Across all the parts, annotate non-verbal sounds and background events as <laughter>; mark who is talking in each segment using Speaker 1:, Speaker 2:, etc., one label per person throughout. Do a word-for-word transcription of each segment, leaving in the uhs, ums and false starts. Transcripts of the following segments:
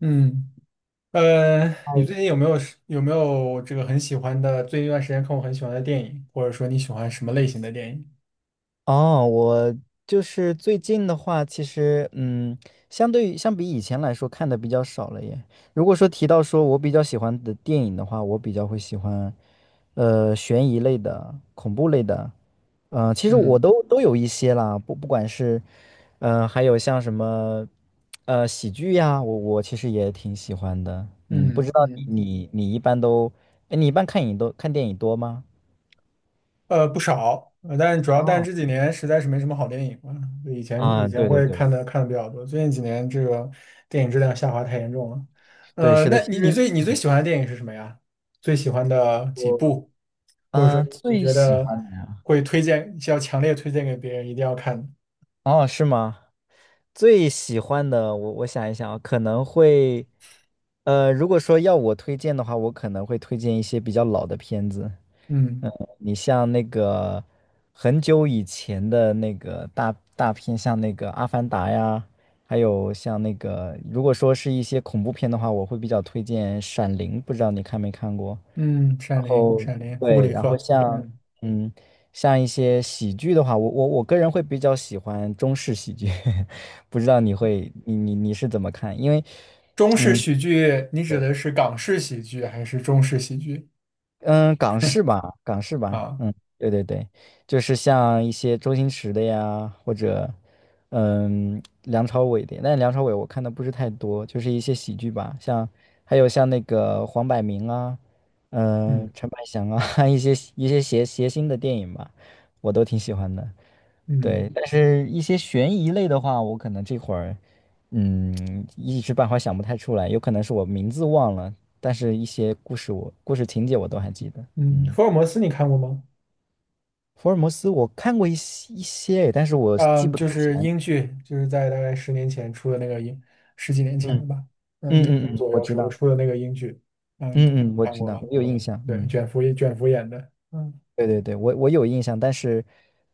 Speaker 1: 嗯，呃，你最近有没有是有没有这个很喜欢的，最近一段时间看过很喜欢的电影，或者说你喜欢什么类型的电影？
Speaker 2: 哦，我就是最近的话，其实嗯，相对于相比以前来说，看的比较少了耶。如果说提到说我比较喜欢的电影的话，我比较会喜欢，呃，悬疑类的、恐怖类的，嗯、其实我
Speaker 1: 嗯
Speaker 2: 都都有一些啦，不不管是，嗯、还有像什么，呃，喜剧呀，我我其实也挺喜欢的。嗯，不知
Speaker 1: 嗯
Speaker 2: 道你
Speaker 1: 嗯，
Speaker 2: 你你一般都，哎，你一般看影都看电影多吗？
Speaker 1: 呃，不少，呃，但是主要但是
Speaker 2: 哦，
Speaker 1: 这几年实在是没什么好电影了，就以前
Speaker 2: 啊，
Speaker 1: 以前
Speaker 2: 对对
Speaker 1: 会
Speaker 2: 对
Speaker 1: 看的看的比较多，最近几年这个电影质量下滑太严重了。
Speaker 2: 对，
Speaker 1: 呃，
Speaker 2: 是的，
Speaker 1: 那
Speaker 2: 其
Speaker 1: 你你
Speaker 2: 实
Speaker 1: 最你最喜欢的电影是什么呀？最喜欢的几
Speaker 2: 我
Speaker 1: 部，或者说
Speaker 2: 嗯，
Speaker 1: 你你
Speaker 2: 最
Speaker 1: 觉
Speaker 2: 喜
Speaker 1: 得
Speaker 2: 欢的，
Speaker 1: 会推荐，要强烈推荐给别人一定要看的。
Speaker 2: 哦，是吗？最喜欢的，我我想一想啊，可能会，呃，如果说要我推荐的话，我可能会推荐一些比较老的片子。
Speaker 1: 嗯。
Speaker 2: 嗯，你像那个很久以前的那个大大片，像那个《阿凡达》呀，还有像那个，如果说是一些恐怖片的话，我会比较推荐《闪灵》，不知道你看没看过？
Speaker 1: 嗯，
Speaker 2: 然
Speaker 1: 《闪灵》
Speaker 2: 后
Speaker 1: 《闪灵》库布
Speaker 2: 对，
Speaker 1: 里
Speaker 2: 然后
Speaker 1: 克，
Speaker 2: 像
Speaker 1: 嗯，
Speaker 2: 嗯，像一些喜剧的话，我我我个人会比较喜欢中式喜剧，<laughs> 不知道你会你你你是怎么看？因为
Speaker 1: 中式
Speaker 2: 嗯。
Speaker 1: 喜剧，你指的是港式喜剧还是中式喜剧
Speaker 2: 嗯，港式吧，港式吧，
Speaker 1: 啊？
Speaker 2: 嗯，对对对，就是像一些周星驰的呀，或者嗯梁朝伟的，但梁朝伟我看的不是太多，就是一些喜剧吧，像还有像那个黄百鸣啊，嗯、
Speaker 1: 嗯
Speaker 2: 陈百祥啊，<laughs> 一些一些谐谐星的电影吧，我都挺喜欢的。
Speaker 1: 嗯
Speaker 2: 对，但是一些悬疑类的话，我可能这会儿，嗯，一时半会儿想不太出来，有可能是我名字忘了，但是一些故事我故事情节我都还记得。
Speaker 1: 嗯，
Speaker 2: 嗯，
Speaker 1: 福尔摩斯你看过吗？
Speaker 2: 福尔摩斯我看过一些一些，但是我
Speaker 1: 啊，
Speaker 2: 记不太
Speaker 1: 就
Speaker 2: 起
Speaker 1: 是
Speaker 2: 来。
Speaker 1: 英剧，就是在大概十年前出的那个英，十几年前
Speaker 2: 嗯
Speaker 1: 的吧？嗯，一零
Speaker 2: 嗯嗯
Speaker 1: 年
Speaker 2: 嗯，
Speaker 1: 左
Speaker 2: 我
Speaker 1: 右
Speaker 2: 知
Speaker 1: 时候
Speaker 2: 道，
Speaker 1: 出的那个英剧，嗯，
Speaker 2: 嗯嗯，我
Speaker 1: 看
Speaker 2: 知
Speaker 1: 过
Speaker 2: 道，
Speaker 1: 吧？
Speaker 2: 我有印象。嗯，
Speaker 1: 嗯
Speaker 2: 对对对，我我有印象，但是，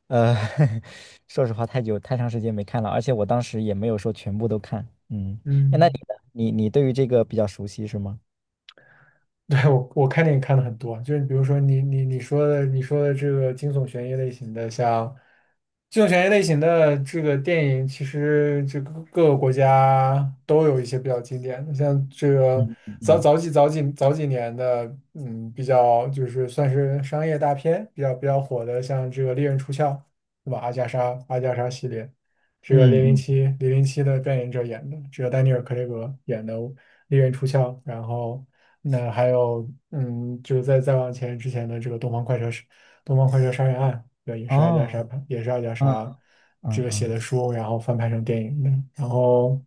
Speaker 2: 呃，<laughs> 说实话，太久太长时间没看了，而且我当时也没有说全部都看。嗯，哎那你
Speaker 1: 嗯。
Speaker 2: 呢？你你对于这个比较熟悉是吗？
Speaker 1: 对，我我看电影看的很多，就是比如说你你你说的你说的这个惊悚悬疑类型的，像惊悚悬疑类型的这个电影，其实这个各个国家都有一些比较经典的，像这个
Speaker 2: 嗯嗯
Speaker 1: 早
Speaker 2: 嗯
Speaker 1: 早几早几早几年的，嗯，比较就是算是商业大片，比较比较火的，像这个《猎人出鞘》，对吧？阿加莎阿加莎系列。这个
Speaker 2: 嗯。
Speaker 1: 《零零
Speaker 2: 嗯
Speaker 1: 七》《零零七》的扮演者演的，这个丹尼尔·克雷格演的利刃出鞘，然后那还有嗯，就是再再往前之前的这个东方快车是东方快车》杀人案，对，也是阿加
Speaker 2: 哦。
Speaker 1: 莎也是阿加
Speaker 2: 嗯
Speaker 1: 莎
Speaker 2: 嗯
Speaker 1: 这个写的
Speaker 2: 嗯
Speaker 1: 书，然后翻拍成电影的，然后。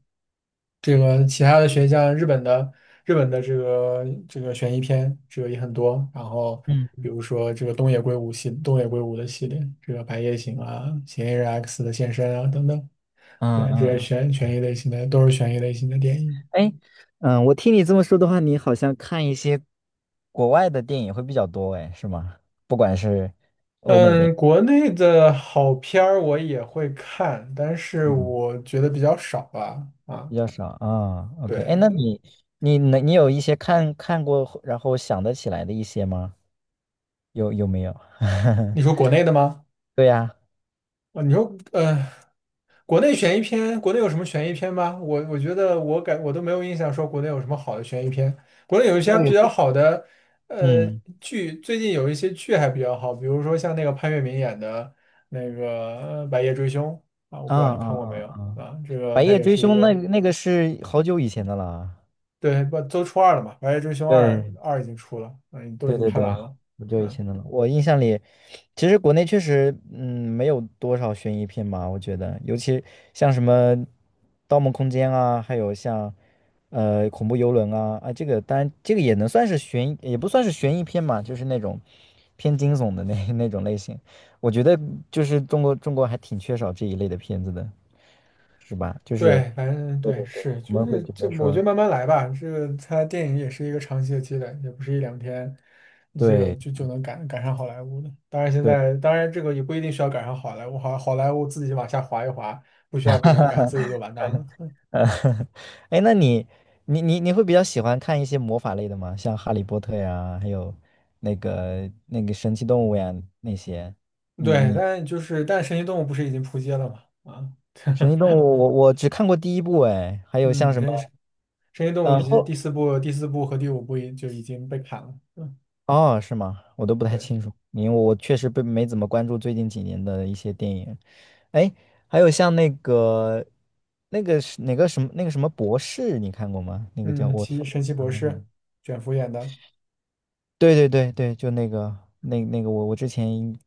Speaker 1: 这个其他的悬像日本的日本的这个这个悬疑片，这个也很多。然后比
Speaker 2: 嗯
Speaker 1: 如说这个东野圭吾系东野圭吾的系列，这个《白夜行》啊，《嫌疑人 X 的现身》啊等等，对，
Speaker 2: 嗯
Speaker 1: 这
Speaker 2: 嗯
Speaker 1: 些
Speaker 2: 嗯。
Speaker 1: 悬悬疑类型的都是悬疑类型的电影。
Speaker 2: 哎，嗯，我听你这么说的话，你好像看一些国外的电影会比较多，哎，是吗？不管是欧美的，
Speaker 1: 嗯，国内的好片儿我也会看，但是
Speaker 2: 嗯，
Speaker 1: 我觉得比较少吧。啊，
Speaker 2: 比较少啊。哦， OK，哎，那
Speaker 1: 对，
Speaker 2: 你你能你有一些看看过，然后想得起来的一些吗？有有没有？
Speaker 1: 你
Speaker 2: <laughs>
Speaker 1: 说国内的吗？
Speaker 2: 对呀，
Speaker 1: 啊，你说，呃，国内悬疑片，国内有什么悬疑片吗？我我觉得我感我都没有印象说国内有什么好的悬疑片。国内有一些比
Speaker 2: 对，
Speaker 1: 较好的，呃，
Speaker 2: 嗯，
Speaker 1: 剧，最近有一些剧还比较好，比如说像那个潘粤明演的那个呃白夜追凶》啊，我
Speaker 2: 啊
Speaker 1: 不知道你
Speaker 2: 啊
Speaker 1: 看过没
Speaker 2: 啊
Speaker 1: 有
Speaker 2: 啊，哦
Speaker 1: 啊？这个
Speaker 2: 《白
Speaker 1: 它
Speaker 2: 夜
Speaker 1: 也
Speaker 2: 追
Speaker 1: 是一
Speaker 2: 凶》那
Speaker 1: 个，
Speaker 2: 那个是好久以前的了，
Speaker 1: 对，不都出二了嘛，《白夜追凶二》
Speaker 2: 对
Speaker 1: 二已经出了，嗯，都已
Speaker 2: 对
Speaker 1: 经
Speaker 2: 对
Speaker 1: 拍
Speaker 2: 对，
Speaker 1: 完了。
Speaker 2: 很久以
Speaker 1: 嗯。
Speaker 2: 前的了。我印象里，其实国内确实，嗯，没有多少悬疑片吧，我觉得，尤其像什么《盗梦空间》啊，还有像呃《恐怖游轮》啊，啊，这个当然这个也能算是悬疑也不算是悬疑片嘛，就是那种偏惊悚的那 <laughs> 那种类型。我觉得就是中国中国还挺缺少这一类的片子的，是吧？就是
Speaker 1: 对，反正
Speaker 2: 对
Speaker 1: 对，
Speaker 2: 对对，
Speaker 1: 是，
Speaker 2: 我
Speaker 1: 就
Speaker 2: 们会
Speaker 1: 是
Speaker 2: 觉
Speaker 1: 这，
Speaker 2: 得
Speaker 1: 我
Speaker 2: 说，
Speaker 1: 觉得慢慢来吧。这个它电影也是一个长期的积累，也不是一两天，这个
Speaker 2: 对
Speaker 1: 就就能赶赶上好莱坞的。当然，现
Speaker 2: 对。
Speaker 1: 在当然这个也不一定需要赶上好莱坞，好好莱坞自己往下滑一滑，不需要别人赶，自己就
Speaker 2: <laughs>
Speaker 1: 完蛋了。
Speaker 2: 呃，<laughs> 哎，那你你你你会比较喜欢看一些魔法类的吗？像《哈利波特》呀，还有那个那个神奇动物呀那些。你
Speaker 1: 对，
Speaker 2: 你
Speaker 1: 但就是但《神奇动物》不是已经扑街了吗？啊，
Speaker 2: 神奇动物我我只看过第一部哎，还有像
Speaker 1: 嗯，
Speaker 2: 什
Speaker 1: 神奇
Speaker 2: 么
Speaker 1: 神奇动物
Speaker 2: 呃
Speaker 1: 已经第
Speaker 2: 后
Speaker 1: 四部、第四部和第五部已就已经被砍了。嗯，
Speaker 2: 哦，是吗？我都不太
Speaker 1: 对，
Speaker 2: 清楚，因为我确实被没怎么关注最近几年的一些电影。哎，还有像那个那个是哪个什么那个什么博士，你看过吗？那个叫
Speaker 1: 嗯，
Speaker 2: 我
Speaker 1: 奇神奇博士，
Speaker 2: 没。
Speaker 1: 卷福演的，
Speaker 2: 对对对对，就那个那那个我我之前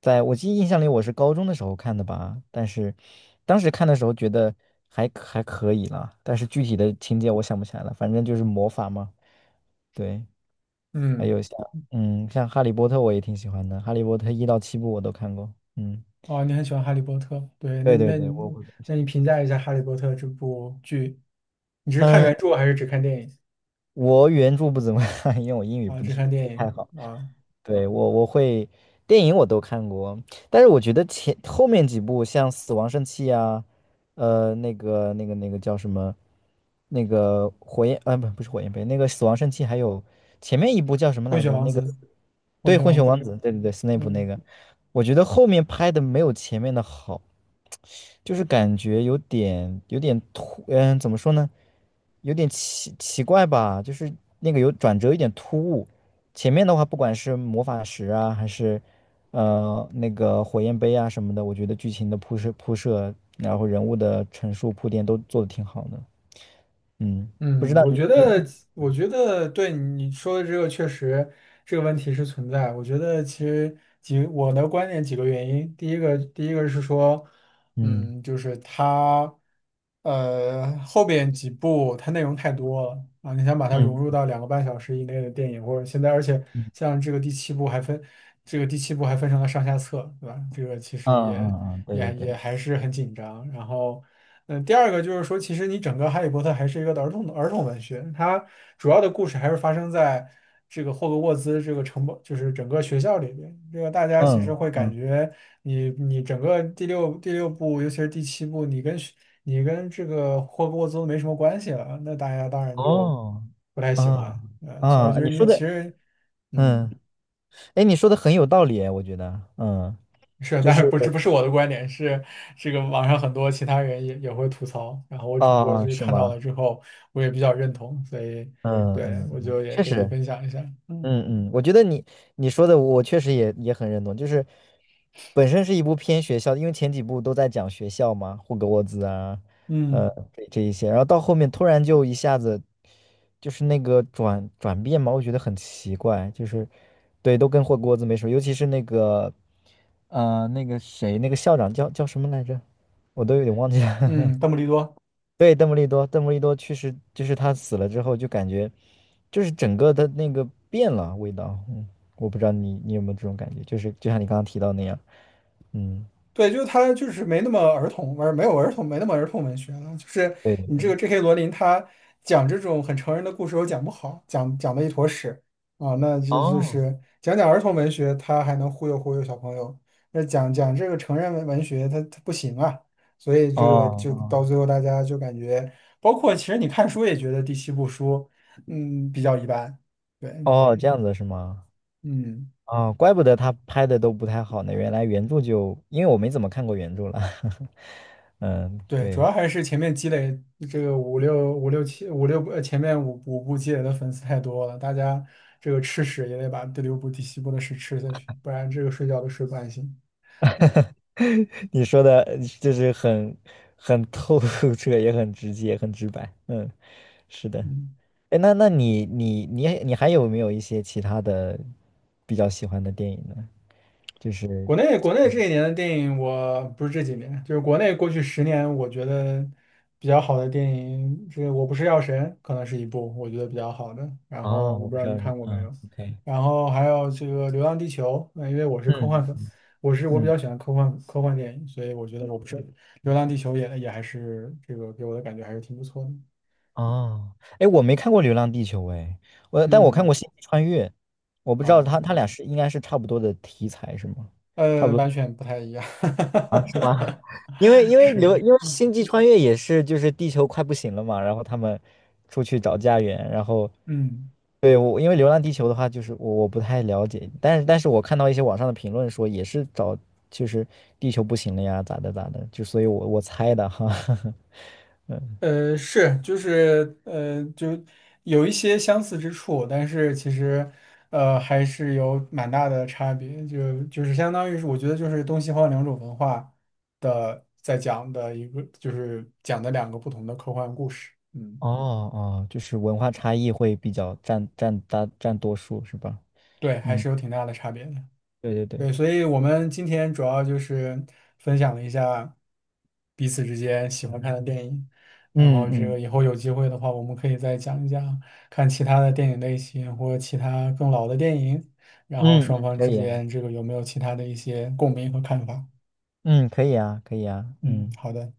Speaker 2: 在我记忆印象里我是高中的时候看的吧，但是当时看的时候觉得还可还可以啦，但是具体的情节我想不起来了，反正就是魔法嘛，对，还
Speaker 1: 嗯。
Speaker 2: 有像嗯像哈利波特我也挺喜欢的，哈利波特一到七部我都看过，嗯，
Speaker 1: 哦，你很喜欢《哈利波特》，对，那
Speaker 2: 对对
Speaker 1: 那
Speaker 2: 对，我
Speaker 1: 你
Speaker 2: 我
Speaker 1: 那你评价一下《哈利波特》这部剧，你是看
Speaker 2: 嗯，呃
Speaker 1: 原著还是只看电影
Speaker 2: 我原著不怎么看，因为我英语
Speaker 1: 啊？
Speaker 2: 不
Speaker 1: 只
Speaker 2: 是
Speaker 1: 看
Speaker 2: 不
Speaker 1: 电
Speaker 2: 太好。
Speaker 1: 影啊，
Speaker 2: 对，我我会电影我都看过，但是我觉得前后面几部像《死亡圣器》啊，呃，那个那个那个叫什么，那个火焰，呃，不不是火焰杯，那个《死亡圣器》，还有前面一部叫什么
Speaker 1: 《混
Speaker 2: 来
Speaker 1: 血
Speaker 2: 着？
Speaker 1: 王
Speaker 2: 那
Speaker 1: 子》，
Speaker 2: 个
Speaker 1: 《混
Speaker 2: 对，
Speaker 1: 血
Speaker 2: 混血
Speaker 1: 王子》，
Speaker 2: 王子，对对对，斯内普那
Speaker 1: 嗯。
Speaker 2: 个，我觉得后面拍的没有前面的好。就是感觉有点有点突，嗯，怎么说呢？有点奇奇怪吧，就是那个有转折，有点突兀。前面的话，不管是魔法石啊，还是呃那个火焰杯啊什么的，我觉得剧情的铺设铺设，然后人物的陈述铺垫都做的挺好的。嗯，不知
Speaker 1: 嗯，
Speaker 2: 道
Speaker 1: 我
Speaker 2: 你
Speaker 1: 觉
Speaker 2: 你你
Speaker 1: 得，我觉得对你说的这个确实这个问题是存在。我觉得其实几我的观点几个原因，第一个第一个是说，
Speaker 2: 嗯
Speaker 1: 嗯，就是它，呃，后边几部它内容太多了啊，你想把它融入
Speaker 2: 嗯
Speaker 1: 到两个半小时以内的电影，或者现在，而且
Speaker 2: 嗯
Speaker 1: 像这个第七部还分这个第七部还分成了上下册，对吧？这个其
Speaker 2: 嗯
Speaker 1: 实也
Speaker 2: 嗯嗯，对对
Speaker 1: 也也
Speaker 2: 对，
Speaker 1: 还是很紧张，然后。嗯，第二个就是说，其实你整个《哈利波特》还是一个儿童儿童文学，它主要的故事还是发生在这个霍格沃兹这个城堡，就是整个学校里边。这个大家其实
Speaker 2: 嗯
Speaker 1: 会感
Speaker 2: 嗯
Speaker 1: 觉你你整个第六第六部，尤其是第七部，你跟学你跟这个霍格沃兹都没什么关系了，那大家当然就
Speaker 2: 哦，
Speaker 1: 不太喜
Speaker 2: 啊
Speaker 1: 欢。嗯，所以
Speaker 2: 啊，
Speaker 1: 就是
Speaker 2: 你
Speaker 1: 你
Speaker 2: 说
Speaker 1: 其
Speaker 2: 的
Speaker 1: 实，嗯。
Speaker 2: 嗯。哎，你说的很有道理哎，我觉得，嗯，
Speaker 1: 是，
Speaker 2: 就
Speaker 1: 但
Speaker 2: 是
Speaker 1: 是不是不是我的观点，是这个网上很多其他人也也会吐槽，然后我只不过就
Speaker 2: 啊，
Speaker 1: 是
Speaker 2: 是
Speaker 1: 看到
Speaker 2: 吗？
Speaker 1: 了之后，我也比较认同，所以
Speaker 2: 嗯
Speaker 1: 对
Speaker 2: 嗯，
Speaker 1: 我
Speaker 2: 嗯
Speaker 1: 就也
Speaker 2: 确
Speaker 1: 跟
Speaker 2: 实，
Speaker 1: 你分享一下。嗯
Speaker 2: 嗯嗯，我觉得你你说的，我确实也也很认同，就是本身是一部偏学校，因为前几部都在讲学校嘛，霍格沃兹啊，
Speaker 1: 嗯
Speaker 2: 呃，这这一些，然后到后面突然就一下子就是那个转转变嘛，我觉得很奇怪，就是对，都跟霍格沃兹没什么，尤其是那个呃那个谁，那个校长叫叫什么来着，我都有点忘记了。
Speaker 1: 嗯，
Speaker 2: <laughs>
Speaker 1: 邓布利多。
Speaker 2: 对，邓布利多，邓布利多去世，就是他死了之后，就感觉，就是整个的那个变了味道。嗯，我不知道你你有没有这种感觉，就是就像你刚刚提到那样。嗯，
Speaker 1: 对，就是他，就是没那么儿童而没有儿童，没那么儿童文学了。就是
Speaker 2: 对对
Speaker 1: 你这个
Speaker 2: 对。
Speaker 1: J K 罗琳，他讲这种很成人的故事又讲不好，讲讲的一坨屎啊。那就就
Speaker 2: 哦，
Speaker 1: 是讲讲儿童文学，他还能忽悠忽悠小朋友；那讲讲这个成人文文学，他他不行啊。所以这个就
Speaker 2: 哦
Speaker 1: 到最后，大家就感觉，包括其实你看书也觉得第七部书，嗯，比较一般。对，
Speaker 2: 哦，这样子是吗？
Speaker 1: 嗯。
Speaker 2: 哦，怪不得他拍的都不太好呢。原来原著就，因为我没怎么看过原著了。<laughs> 嗯，
Speaker 1: 对，主
Speaker 2: 对，
Speaker 1: 要还是前面积累这个五六五六七五六呃前面五五部积累的粉丝太多了，大家这个吃屎也得把第六部、第七部的屎吃下去，不然这个睡觉都睡不安心。<laughs>
Speaker 2: <laughs> 你说的就是很很透彻，也很直接，很直白。嗯，是的。
Speaker 1: 嗯。
Speaker 2: 哎，那那你你你你还有没有一些其他的比较喜欢的电影呢？就是
Speaker 1: 国内国内这一年的电影，我不是这几年，就是国内过去十年，我觉得比较好的电影，这个《我不是药神》可能是一部我觉得比较好的。然后
Speaker 2: 哦，
Speaker 1: 我
Speaker 2: 我
Speaker 1: 不知
Speaker 2: 不
Speaker 1: 道
Speaker 2: 知
Speaker 1: 你
Speaker 2: 道是
Speaker 1: 看过没有，
Speaker 2: 啊 o k
Speaker 1: 然后还有这个《流浪地球》，呃，因为我是科幻
Speaker 2: 嗯
Speaker 1: 粉，我是我比
Speaker 2: 嗯
Speaker 1: 较喜欢科幻科幻电影，所以我觉得我不是《流浪地球也》也还是这个给我的感觉还是挺不错的。
Speaker 2: 哦，哎，我没看过《流浪地球》哎，我但我看过
Speaker 1: 嗯，
Speaker 2: 《星际穿越》，我不知道
Speaker 1: 啊，
Speaker 2: 它它俩是应该是差不多的题材是吗？差
Speaker 1: 呃，
Speaker 2: 不
Speaker 1: 完
Speaker 2: 多
Speaker 1: 全不太一样，
Speaker 2: 啊，是吗？<laughs> 因为
Speaker 1: <laughs>
Speaker 2: 因为
Speaker 1: 是，
Speaker 2: 流因为星际穿越也是就是地球快不行了嘛，然后他们出去找家园，然后
Speaker 1: 嗯。
Speaker 2: 对，我因为流浪地球的话，就是我我不太了解，但是但是我看到一些网上的评论说也是找就是地球不行了呀，咋的咋的，就所以我我猜的哈，<laughs>
Speaker 1: 呃，是，就是呃，就有一些相似之处，但是其实呃还是有蛮大的差别，就就是相当于是我觉得就是东西方两种文化的在讲的一个，就是讲的两个不同的科幻故事，嗯，
Speaker 2: 哦哦，就是文化差异会比较占占大占多数是吧？
Speaker 1: 对，还
Speaker 2: 嗯，
Speaker 1: 是有挺大的差别的。
Speaker 2: 对对对，
Speaker 1: 对，所以我们今天主要就是分享了一下彼此之间喜欢看的电影，然
Speaker 2: 嗯
Speaker 1: 后这个
Speaker 2: 嗯
Speaker 1: 以后有机会的话，我们可以再讲一讲看其他的电影类型或其他更老的电影，然后
Speaker 2: 嗯
Speaker 1: 双
Speaker 2: 嗯，
Speaker 1: 方
Speaker 2: 可
Speaker 1: 之
Speaker 2: 以啊，
Speaker 1: 间这个有没有其他的一些共鸣和看法。
Speaker 2: 嗯可以啊可以啊，
Speaker 1: 嗯，
Speaker 2: 嗯。
Speaker 1: 好的。